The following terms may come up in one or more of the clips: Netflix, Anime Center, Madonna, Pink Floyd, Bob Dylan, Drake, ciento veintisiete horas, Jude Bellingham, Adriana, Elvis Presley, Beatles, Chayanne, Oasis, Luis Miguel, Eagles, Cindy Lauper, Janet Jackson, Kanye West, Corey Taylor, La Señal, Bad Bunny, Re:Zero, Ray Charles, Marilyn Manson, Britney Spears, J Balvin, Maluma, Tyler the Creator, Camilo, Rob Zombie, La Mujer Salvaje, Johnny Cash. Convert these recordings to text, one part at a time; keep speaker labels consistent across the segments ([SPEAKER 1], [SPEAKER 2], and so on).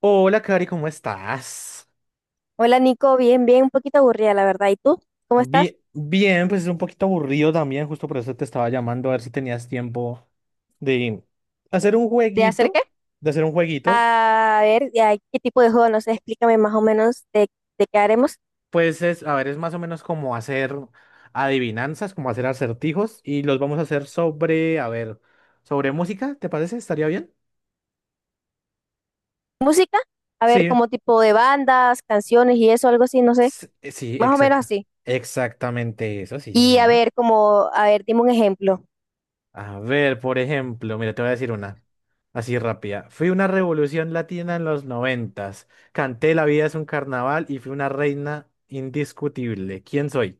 [SPEAKER 1] Hola, Cari, ¿cómo estás?
[SPEAKER 2] Hola Nico, bien, bien, un poquito aburrida la verdad. ¿Y tú? ¿Cómo estás?
[SPEAKER 1] Bien, bien, pues es un poquito aburrido también, justo por eso te estaba llamando a ver si tenías tiempo de hacer un
[SPEAKER 2] ¿De hacer qué?
[SPEAKER 1] jueguito, de hacer un jueguito.
[SPEAKER 2] A ver, ya, ¿qué tipo de juego? No sé, explícame más o menos de qué haremos.
[SPEAKER 1] Pues es, a ver, es más o menos como hacer adivinanzas, como hacer acertijos y los vamos a hacer sobre, a ver, sobre música, ¿te parece? ¿Estaría bien?
[SPEAKER 2] ¿Música? A ver,
[SPEAKER 1] Sí,
[SPEAKER 2] como tipo de bandas, canciones y eso, algo así, no sé.
[SPEAKER 1] sí,
[SPEAKER 2] Más o menos
[SPEAKER 1] exacto.
[SPEAKER 2] así.
[SPEAKER 1] Exactamente eso, sí,
[SPEAKER 2] Y a
[SPEAKER 1] señora.
[SPEAKER 2] ver, como, a ver, dime un ejemplo.
[SPEAKER 1] A ver, por ejemplo, mira, te voy a decir una. Así rápida. Fui una revolución latina en los noventas. Canté La vida es un carnaval y fui una reina indiscutible. ¿Quién soy?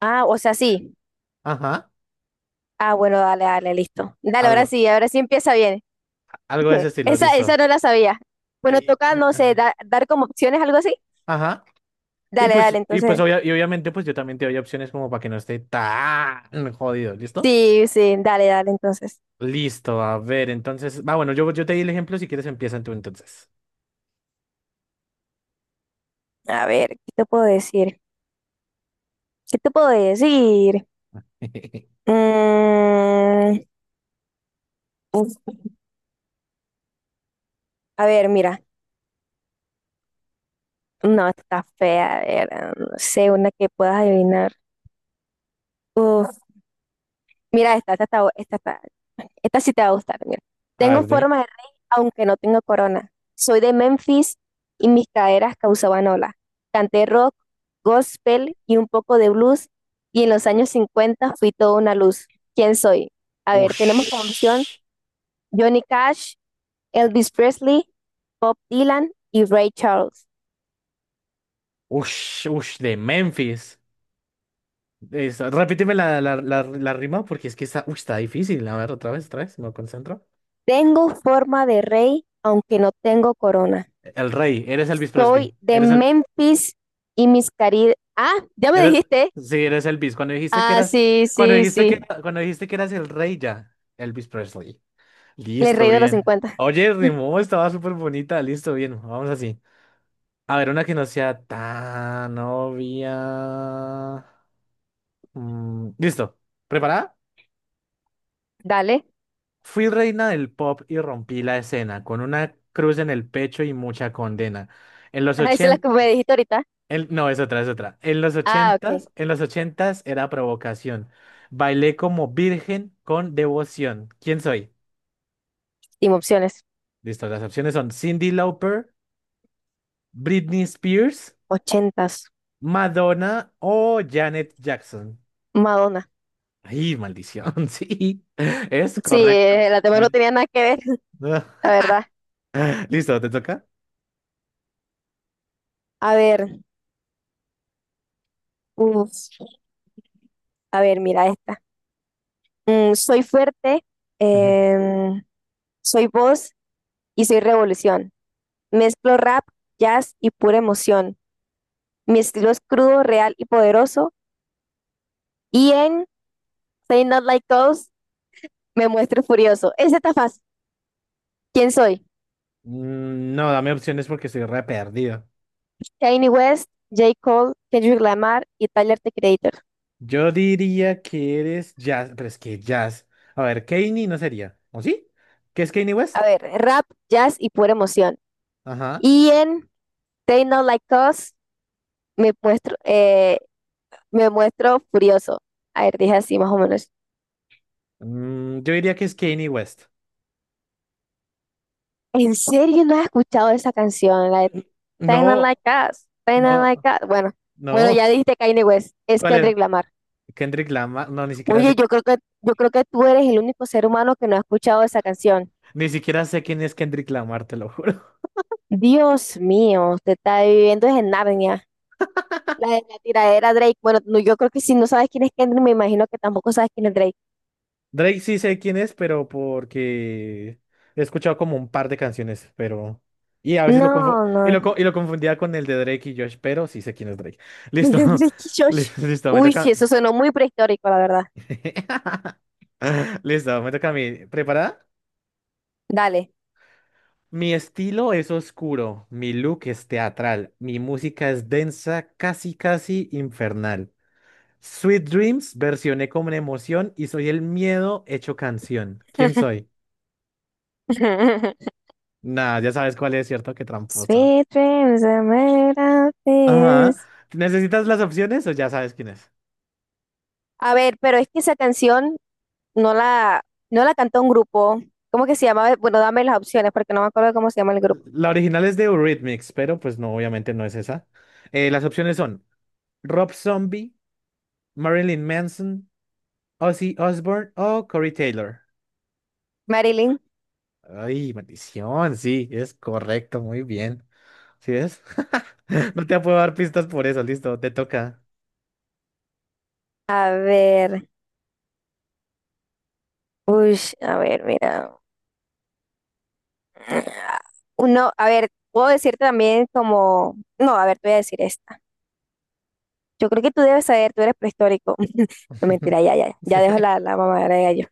[SPEAKER 2] Ah, o sea, sí.
[SPEAKER 1] Ajá.
[SPEAKER 2] Ah, bueno, dale, dale, listo. Dale,
[SPEAKER 1] Algo,
[SPEAKER 2] ahora sí empieza bien.
[SPEAKER 1] algo de ese estilo,
[SPEAKER 2] Esa
[SPEAKER 1] listo.
[SPEAKER 2] no la sabía. Bueno,
[SPEAKER 1] Ey,
[SPEAKER 2] toca,
[SPEAKER 1] eh,
[SPEAKER 2] no sé,
[SPEAKER 1] eh.
[SPEAKER 2] dar como opciones, algo así.
[SPEAKER 1] Ajá. Y
[SPEAKER 2] Dale, dale,
[SPEAKER 1] pues, y pues
[SPEAKER 2] entonces.
[SPEAKER 1] obvia- y obviamente, pues yo también te doy opciones como para que no esté tan jodido, ¿listo?
[SPEAKER 2] Sí, sí, dale, dale, entonces.
[SPEAKER 1] Listo, a ver, entonces. Va, bueno, yo te di el ejemplo, si quieres empieza tú entonces.
[SPEAKER 2] A ver, ¿qué te puedo decir? ¿Qué te puedo decir? Mm, uf, a ver, mira. No, está fea. A ver, ah, no sé, una que puedas adivinar. Uf, Mira, esta, está bu- esta, está- esta sí te va a gustar. Mira.
[SPEAKER 1] A
[SPEAKER 2] Tengo
[SPEAKER 1] ver, dime.
[SPEAKER 2] forma de rey, aunque no tengo corona. Soy de Memphis y mis caderas causaban ola. Canté rock, gospel y un poco de blues. Y en los años 50 fui toda una luz. ¿Quién soy? A ver, tenemos como opción
[SPEAKER 1] Ush.
[SPEAKER 2] Johnny Cash, Elvis Presley, Bob Dylan y Ray Charles.
[SPEAKER 1] Ush, ush, de Memphis. Eso, repíteme la rima porque es que está, uy, está difícil. A ver, otra vez, me concentro.
[SPEAKER 2] Tengo forma de rey, aunque no tengo corona.
[SPEAKER 1] El rey, eres Elvis
[SPEAKER 2] Soy
[SPEAKER 1] Presley.
[SPEAKER 2] de Memphis Ah, ya me
[SPEAKER 1] Eres,
[SPEAKER 2] dijiste.
[SPEAKER 1] sí, eres Elvis.
[SPEAKER 2] Ah, sí,
[SPEAKER 1] Cuando
[SPEAKER 2] sí,
[SPEAKER 1] dijiste que,
[SPEAKER 2] sí.
[SPEAKER 1] cuando dijiste que eras el rey ya, Elvis Presley.
[SPEAKER 2] El
[SPEAKER 1] Listo,
[SPEAKER 2] rey de los
[SPEAKER 1] bien.
[SPEAKER 2] 50.
[SPEAKER 1] Oye, rimó, estaba súper bonita. Listo, bien, vamos así. A ver, una que no sea tan obvia. Listo, ¿preparada?
[SPEAKER 2] Dale.
[SPEAKER 1] Fui reina del pop y rompí la escena, con una cruz en el pecho y mucha condena. En los
[SPEAKER 2] Ah, esa es la que
[SPEAKER 1] ochenta...
[SPEAKER 2] me dijiste ahorita.
[SPEAKER 1] No, es otra, es otra.
[SPEAKER 2] Ah, ok.
[SPEAKER 1] En los ochentas era provocación. Bailé como virgen con devoción. ¿Quién soy?
[SPEAKER 2] Sin opciones.
[SPEAKER 1] Listo, las opciones son Cindy Lauper, Britney Spears,
[SPEAKER 2] 80s.
[SPEAKER 1] Madonna o Janet Jackson.
[SPEAKER 2] Madonna.
[SPEAKER 1] Ay, maldición, sí, es
[SPEAKER 2] Sí,
[SPEAKER 1] correcto.
[SPEAKER 2] la tema no
[SPEAKER 1] Bien.
[SPEAKER 2] tenía nada que ver, la verdad.
[SPEAKER 1] Listo, ¿te toca?
[SPEAKER 2] A ver, uf, a ver, mira esta. Soy fuerte,
[SPEAKER 1] Ujú.
[SPEAKER 2] em, soy voz y soy revolución. Mezclo rap, jazz y pura emoción. Mi estilo es crudo, real y poderoso. Y en Say Not Like Us me muestro furioso. Ese está fácil. ¿Quién soy?
[SPEAKER 1] No, dame opciones porque estoy re perdido.
[SPEAKER 2] Kanye West, J. Cole, Kendrick Lamar y Tyler the Creator.
[SPEAKER 1] Yo diría que eres jazz, pero es que jazz. A ver, Kanye no sería. ¿O sí? ¿Qué es Kanye West?
[SPEAKER 2] A ver, rap, jazz y pura emoción.
[SPEAKER 1] Ajá.
[SPEAKER 2] Y en Say Not Like Us me muestro, eh, me muestro furioso. A ver, dije así más o menos.
[SPEAKER 1] Yo diría que es Kanye West.
[SPEAKER 2] ¿En serio no has escuchado esa canción, la de Kinda
[SPEAKER 1] No,
[SPEAKER 2] Like Us, Kinda Like
[SPEAKER 1] no,
[SPEAKER 2] Us? Bueno, bueno,
[SPEAKER 1] no.
[SPEAKER 2] ya dijiste Kanye West, es
[SPEAKER 1] ¿Cuál era?
[SPEAKER 2] Kendrick Lamar.
[SPEAKER 1] Kendrick Lamar. No, ni siquiera
[SPEAKER 2] Oye,
[SPEAKER 1] sé.
[SPEAKER 2] yo creo que tú eres el único ser humano que no ha escuchado esa canción.
[SPEAKER 1] Ni siquiera sé quién es Kendrick Lamar, te lo juro.
[SPEAKER 2] Dios mío, te está viviendo es en Narnia. La de la tiradera Drake. Bueno, no, yo creo que si no sabes quién es Kendrick, me imagino que tampoco sabes quién es Drake.
[SPEAKER 1] Drake sí sé quién es, pero porque he escuchado como un par de canciones, pero... Y a veces
[SPEAKER 2] No, no.
[SPEAKER 1] lo confundía con el de Drake y Josh, pero sí sé quién es Drake.
[SPEAKER 2] El
[SPEAKER 1] Listo.
[SPEAKER 2] de Drake y Josh.
[SPEAKER 1] Listo, me
[SPEAKER 2] Uy, sí,
[SPEAKER 1] toca...
[SPEAKER 2] eso sonó muy prehistórico, la verdad.
[SPEAKER 1] Listo, me toca a mí. ¿Preparada?
[SPEAKER 2] Dale.
[SPEAKER 1] Mi estilo es oscuro, mi look es teatral, mi música es densa, casi casi infernal. Sweet Dreams versioné con emoción y soy el miedo hecho canción. ¿Quién soy? Nah, ya sabes cuál es, ¿cierto? Qué tramposa.
[SPEAKER 2] Sweet dreams are made of
[SPEAKER 1] Ajá.
[SPEAKER 2] this.
[SPEAKER 1] ¿Necesitas las opciones o ya sabes quién es?
[SPEAKER 2] A ver, pero es que esa canción no la, no la cantó un grupo. ¿Cómo que se llamaba? Bueno, dame las opciones porque no me acuerdo cómo se llama el grupo.
[SPEAKER 1] La original es de Eurythmics, pero pues no, obviamente no es esa. Las opciones son Rob Zombie, Marilyn Manson, Ozzy Osbourne o Corey Taylor.
[SPEAKER 2] Marilyn.
[SPEAKER 1] Ay, maldición, sí, es correcto, muy bien. ¿Sí ves? No te puedo dar pistas por eso, listo, te toca.
[SPEAKER 2] A ver. Uy, a ver, mira. Uno, a ver, puedo decirte también como. No, a ver, te voy a decir esta. Yo creo que tú debes saber, tú eres prehistórico. No mentira, ya, ya, ya
[SPEAKER 1] Sí.
[SPEAKER 2] dejo la mamadera de gallo.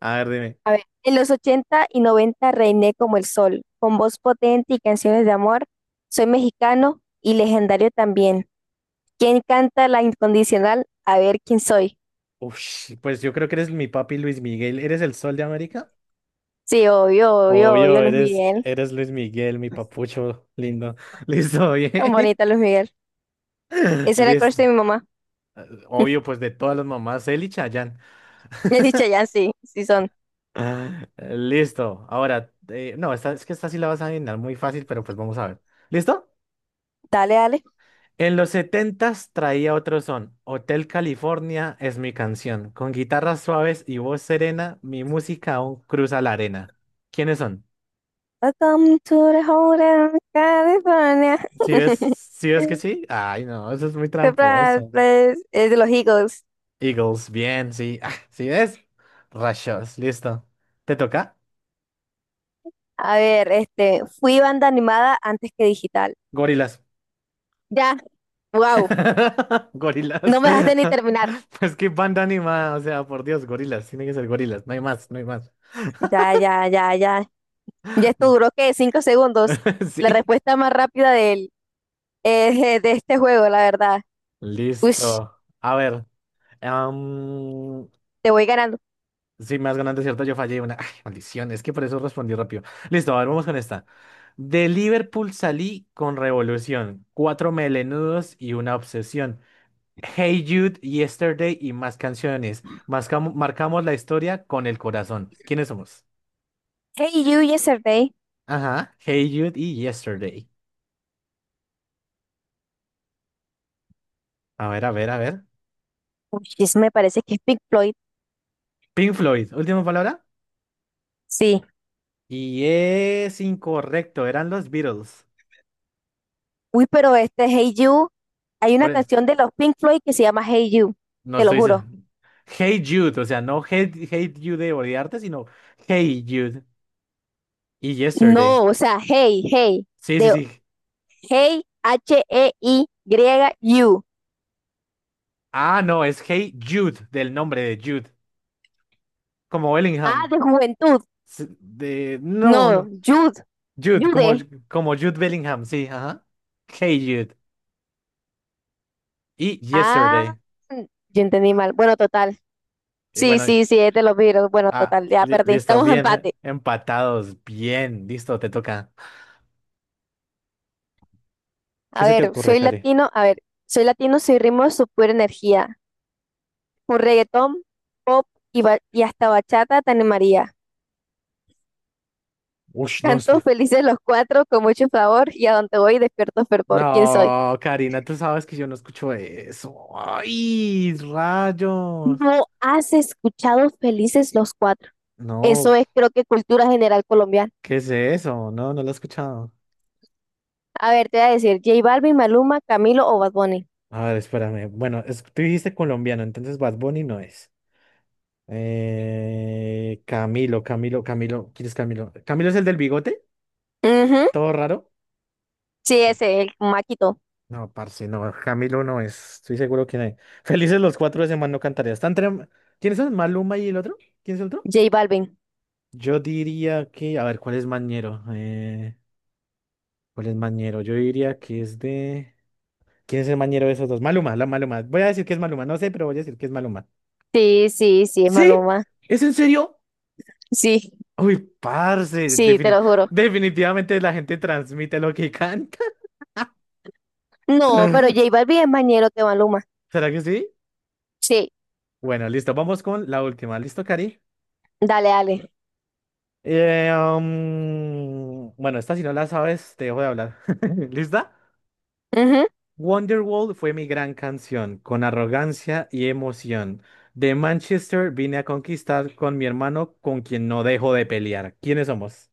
[SPEAKER 1] A ver, dime.
[SPEAKER 2] A ver, en los 80 y 90 reiné como el sol, con voz potente y canciones de amor. Soy mexicano y legendario también. ¿Quién canta La Incondicional? A ver quién soy.
[SPEAKER 1] Ush, pues yo creo que eres mi papi Luis Miguel. ¿Eres el sol de América?
[SPEAKER 2] Sí, obvio, obvio, obvio,
[SPEAKER 1] Obvio,
[SPEAKER 2] Luis Miguel.
[SPEAKER 1] eres Luis Miguel, mi papucho lindo. Listo,
[SPEAKER 2] Tan
[SPEAKER 1] bien.
[SPEAKER 2] bonita Luis Miguel. Ese era el crush
[SPEAKER 1] Listo.
[SPEAKER 2] de mi mamá.
[SPEAKER 1] Obvio, pues de todas las mamás, él y Chayanne.
[SPEAKER 2] He dicho ya, sí, sí son.
[SPEAKER 1] Ah, Listo. Ahora, no, esta, es que esta sí la vas a adivinar muy fácil, pero pues vamos a ver. ¿Listo?
[SPEAKER 2] Dale, dale.
[SPEAKER 1] En los setentas traía otro son. Hotel California es mi canción. Con guitarras suaves y voz serena, mi música aún cruza la arena. ¿Quiénes son?
[SPEAKER 2] Welcome to the hotel, California.
[SPEAKER 1] Si ves que sí? Ay, no, eso es muy
[SPEAKER 2] Surprise,
[SPEAKER 1] tramposo.
[SPEAKER 2] please. Es de los Eagles.
[SPEAKER 1] Eagles, bien, sí. Ah, ¿sí ves? Rayos, listo. ¿Te toca?
[SPEAKER 2] A ver, este, fui banda animada antes que digital.
[SPEAKER 1] Gorilas.
[SPEAKER 2] Ya, wow, no
[SPEAKER 1] Gorilas.
[SPEAKER 2] me dejaste ni terminar.
[SPEAKER 1] Pues qué banda anima, o sea, por Dios, gorilas. Tiene que ser gorilas, no hay más, no hay más.
[SPEAKER 2] Ya, ya, ya, ya. Ya esto duró, ¿qué? 5 segundos. La
[SPEAKER 1] Sí.
[SPEAKER 2] respuesta más rápida de este juego, la verdad. Ush,
[SPEAKER 1] Listo. A ver. am,
[SPEAKER 2] Te voy ganando.
[SPEAKER 1] sí, me has ganado, es ¿cierto? Yo fallé una. Ay, maldición, es que por eso respondí rápido. Listo, a ver, vamos con esta. De Liverpool salí con revolución, cuatro melenudos y una obsesión. Hey Jude, Yesterday y más canciones. Marcamos la historia con el corazón. ¿Quiénes somos?
[SPEAKER 2] Hey You Yesterday.
[SPEAKER 1] Ajá, Hey Jude y Yesterday. A ver, a ver, a ver.
[SPEAKER 2] Uy, ese me parece que es Pink Floyd.
[SPEAKER 1] Pink Floyd, última palabra.
[SPEAKER 2] Sí.
[SPEAKER 1] Y es incorrecto, eran los Beatles.
[SPEAKER 2] Uy, pero este Hey You, hay una
[SPEAKER 1] Ore-
[SPEAKER 2] canción de los Pink Floyd que se llama Hey You,
[SPEAKER 1] no
[SPEAKER 2] te lo
[SPEAKER 1] estoy se-
[SPEAKER 2] juro.
[SPEAKER 1] Hey Jude, o sea, no Hate, hate You de odiarte, sino Hey Jude y Yesterday.
[SPEAKER 2] No, o sea, Hey, Hey,
[SPEAKER 1] Sí, sí,
[SPEAKER 2] de
[SPEAKER 1] sí.
[SPEAKER 2] Hey, Hey, You.
[SPEAKER 1] Ah, no, es Hey Jude, del nombre de Jude, como Bellingham.
[SPEAKER 2] Ah, de juventud.
[SPEAKER 1] No,
[SPEAKER 2] No,
[SPEAKER 1] no.
[SPEAKER 2] Jude,
[SPEAKER 1] Jude, como,
[SPEAKER 2] Jude.
[SPEAKER 1] como Jude Bellingham, sí, ajá. Hey Jude. Y
[SPEAKER 2] Ah,
[SPEAKER 1] Yesterday.
[SPEAKER 2] yo entendí mal. Bueno, total.
[SPEAKER 1] Y
[SPEAKER 2] Sí,
[SPEAKER 1] bueno,
[SPEAKER 2] sí, sí, es de los Beatles. Bueno, total, ya perdí.
[SPEAKER 1] listo,
[SPEAKER 2] Estamos en
[SPEAKER 1] bien,
[SPEAKER 2] empate.
[SPEAKER 1] empatados, bien, listo, te toca. ¿Qué
[SPEAKER 2] A
[SPEAKER 1] se te
[SPEAKER 2] ver,
[SPEAKER 1] ocurre, Cari?
[SPEAKER 2] soy latino, soy ritmo de su pura energía. Un reggaetón, pop y hasta bachata te maría.
[SPEAKER 1] Ush, no. es-
[SPEAKER 2] Canto felices los cuatro con mucho favor y a donde voy despierto fervor. ¿Quién soy?
[SPEAKER 1] No, Karina, tú sabes que yo no escucho eso. ¡Ay, rayos!
[SPEAKER 2] No has escuchado Felices los Cuatro.
[SPEAKER 1] No,
[SPEAKER 2] Eso es creo que cultura general colombiana.
[SPEAKER 1] ¿qué es eso? No, no lo he escuchado.
[SPEAKER 2] A ver, te voy a decir J Balvin, Maluma, Camilo o Bad Bunny.
[SPEAKER 1] A ver, espérame. Bueno, tú dijiste colombiano, entonces Bad Bunny no es. Camilo, Camilo, Camilo. ¿Quién es Camilo? ¿Camilo es el del bigote?
[SPEAKER 2] Ujú,
[SPEAKER 1] ¿Todo raro?
[SPEAKER 2] sí,
[SPEAKER 1] Sí.
[SPEAKER 2] ese, el maquito.
[SPEAKER 1] No, parce, no. Camilo no es. Estoy seguro que no. Felices los cuatro de semana no cantaría. Están entre... ¿Quiénes son? ¿Maluma y el otro? ¿Quién es el otro?
[SPEAKER 2] J Balvin.
[SPEAKER 1] Yo diría que. A ver, ¿cuál es Mañero? ¿Cuál es Mañero? Yo diría que es de. ¿Quién es el Mañero de esos dos? Maluma, la Maluma. Voy a decir que es Maluma. No sé, pero voy a decir que es Maluma.
[SPEAKER 2] Sí, sí, sí, es
[SPEAKER 1] ¿Sí?
[SPEAKER 2] Maluma.
[SPEAKER 1] ¿Es en serio?
[SPEAKER 2] Sí,
[SPEAKER 1] Uy, parce,
[SPEAKER 2] sí, te lo juro.
[SPEAKER 1] definitivamente la gente transmite lo que canta.
[SPEAKER 2] No, pero J Balvin es más ñero que Maluma.
[SPEAKER 1] ¿Será que sí?
[SPEAKER 2] Sí,
[SPEAKER 1] Bueno, listo. Vamos con la última. ¿Listo, Cari?
[SPEAKER 2] dale, dale.
[SPEAKER 1] Bueno, esta si no la sabes, te dejo de hablar. ¿Lista?
[SPEAKER 2] Ujú.
[SPEAKER 1] Wonderwall fue mi gran canción, con arrogancia y emoción. De Manchester vine a conquistar con mi hermano, con quien no dejo de pelear. ¿Quiénes somos?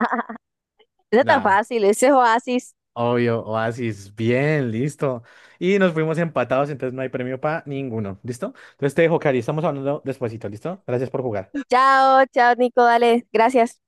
[SPEAKER 2] No es tan
[SPEAKER 1] Nah,
[SPEAKER 2] fácil, ese es Oasis.
[SPEAKER 1] obvio, Oasis. Bien, listo. Y nos fuimos empatados, entonces no hay premio para ninguno. ¿Listo? Entonces te dejo, Cari. Estamos hablando despuesito, ¿listo? Gracias por jugar.
[SPEAKER 2] Chao, chao, Nico, dale, gracias.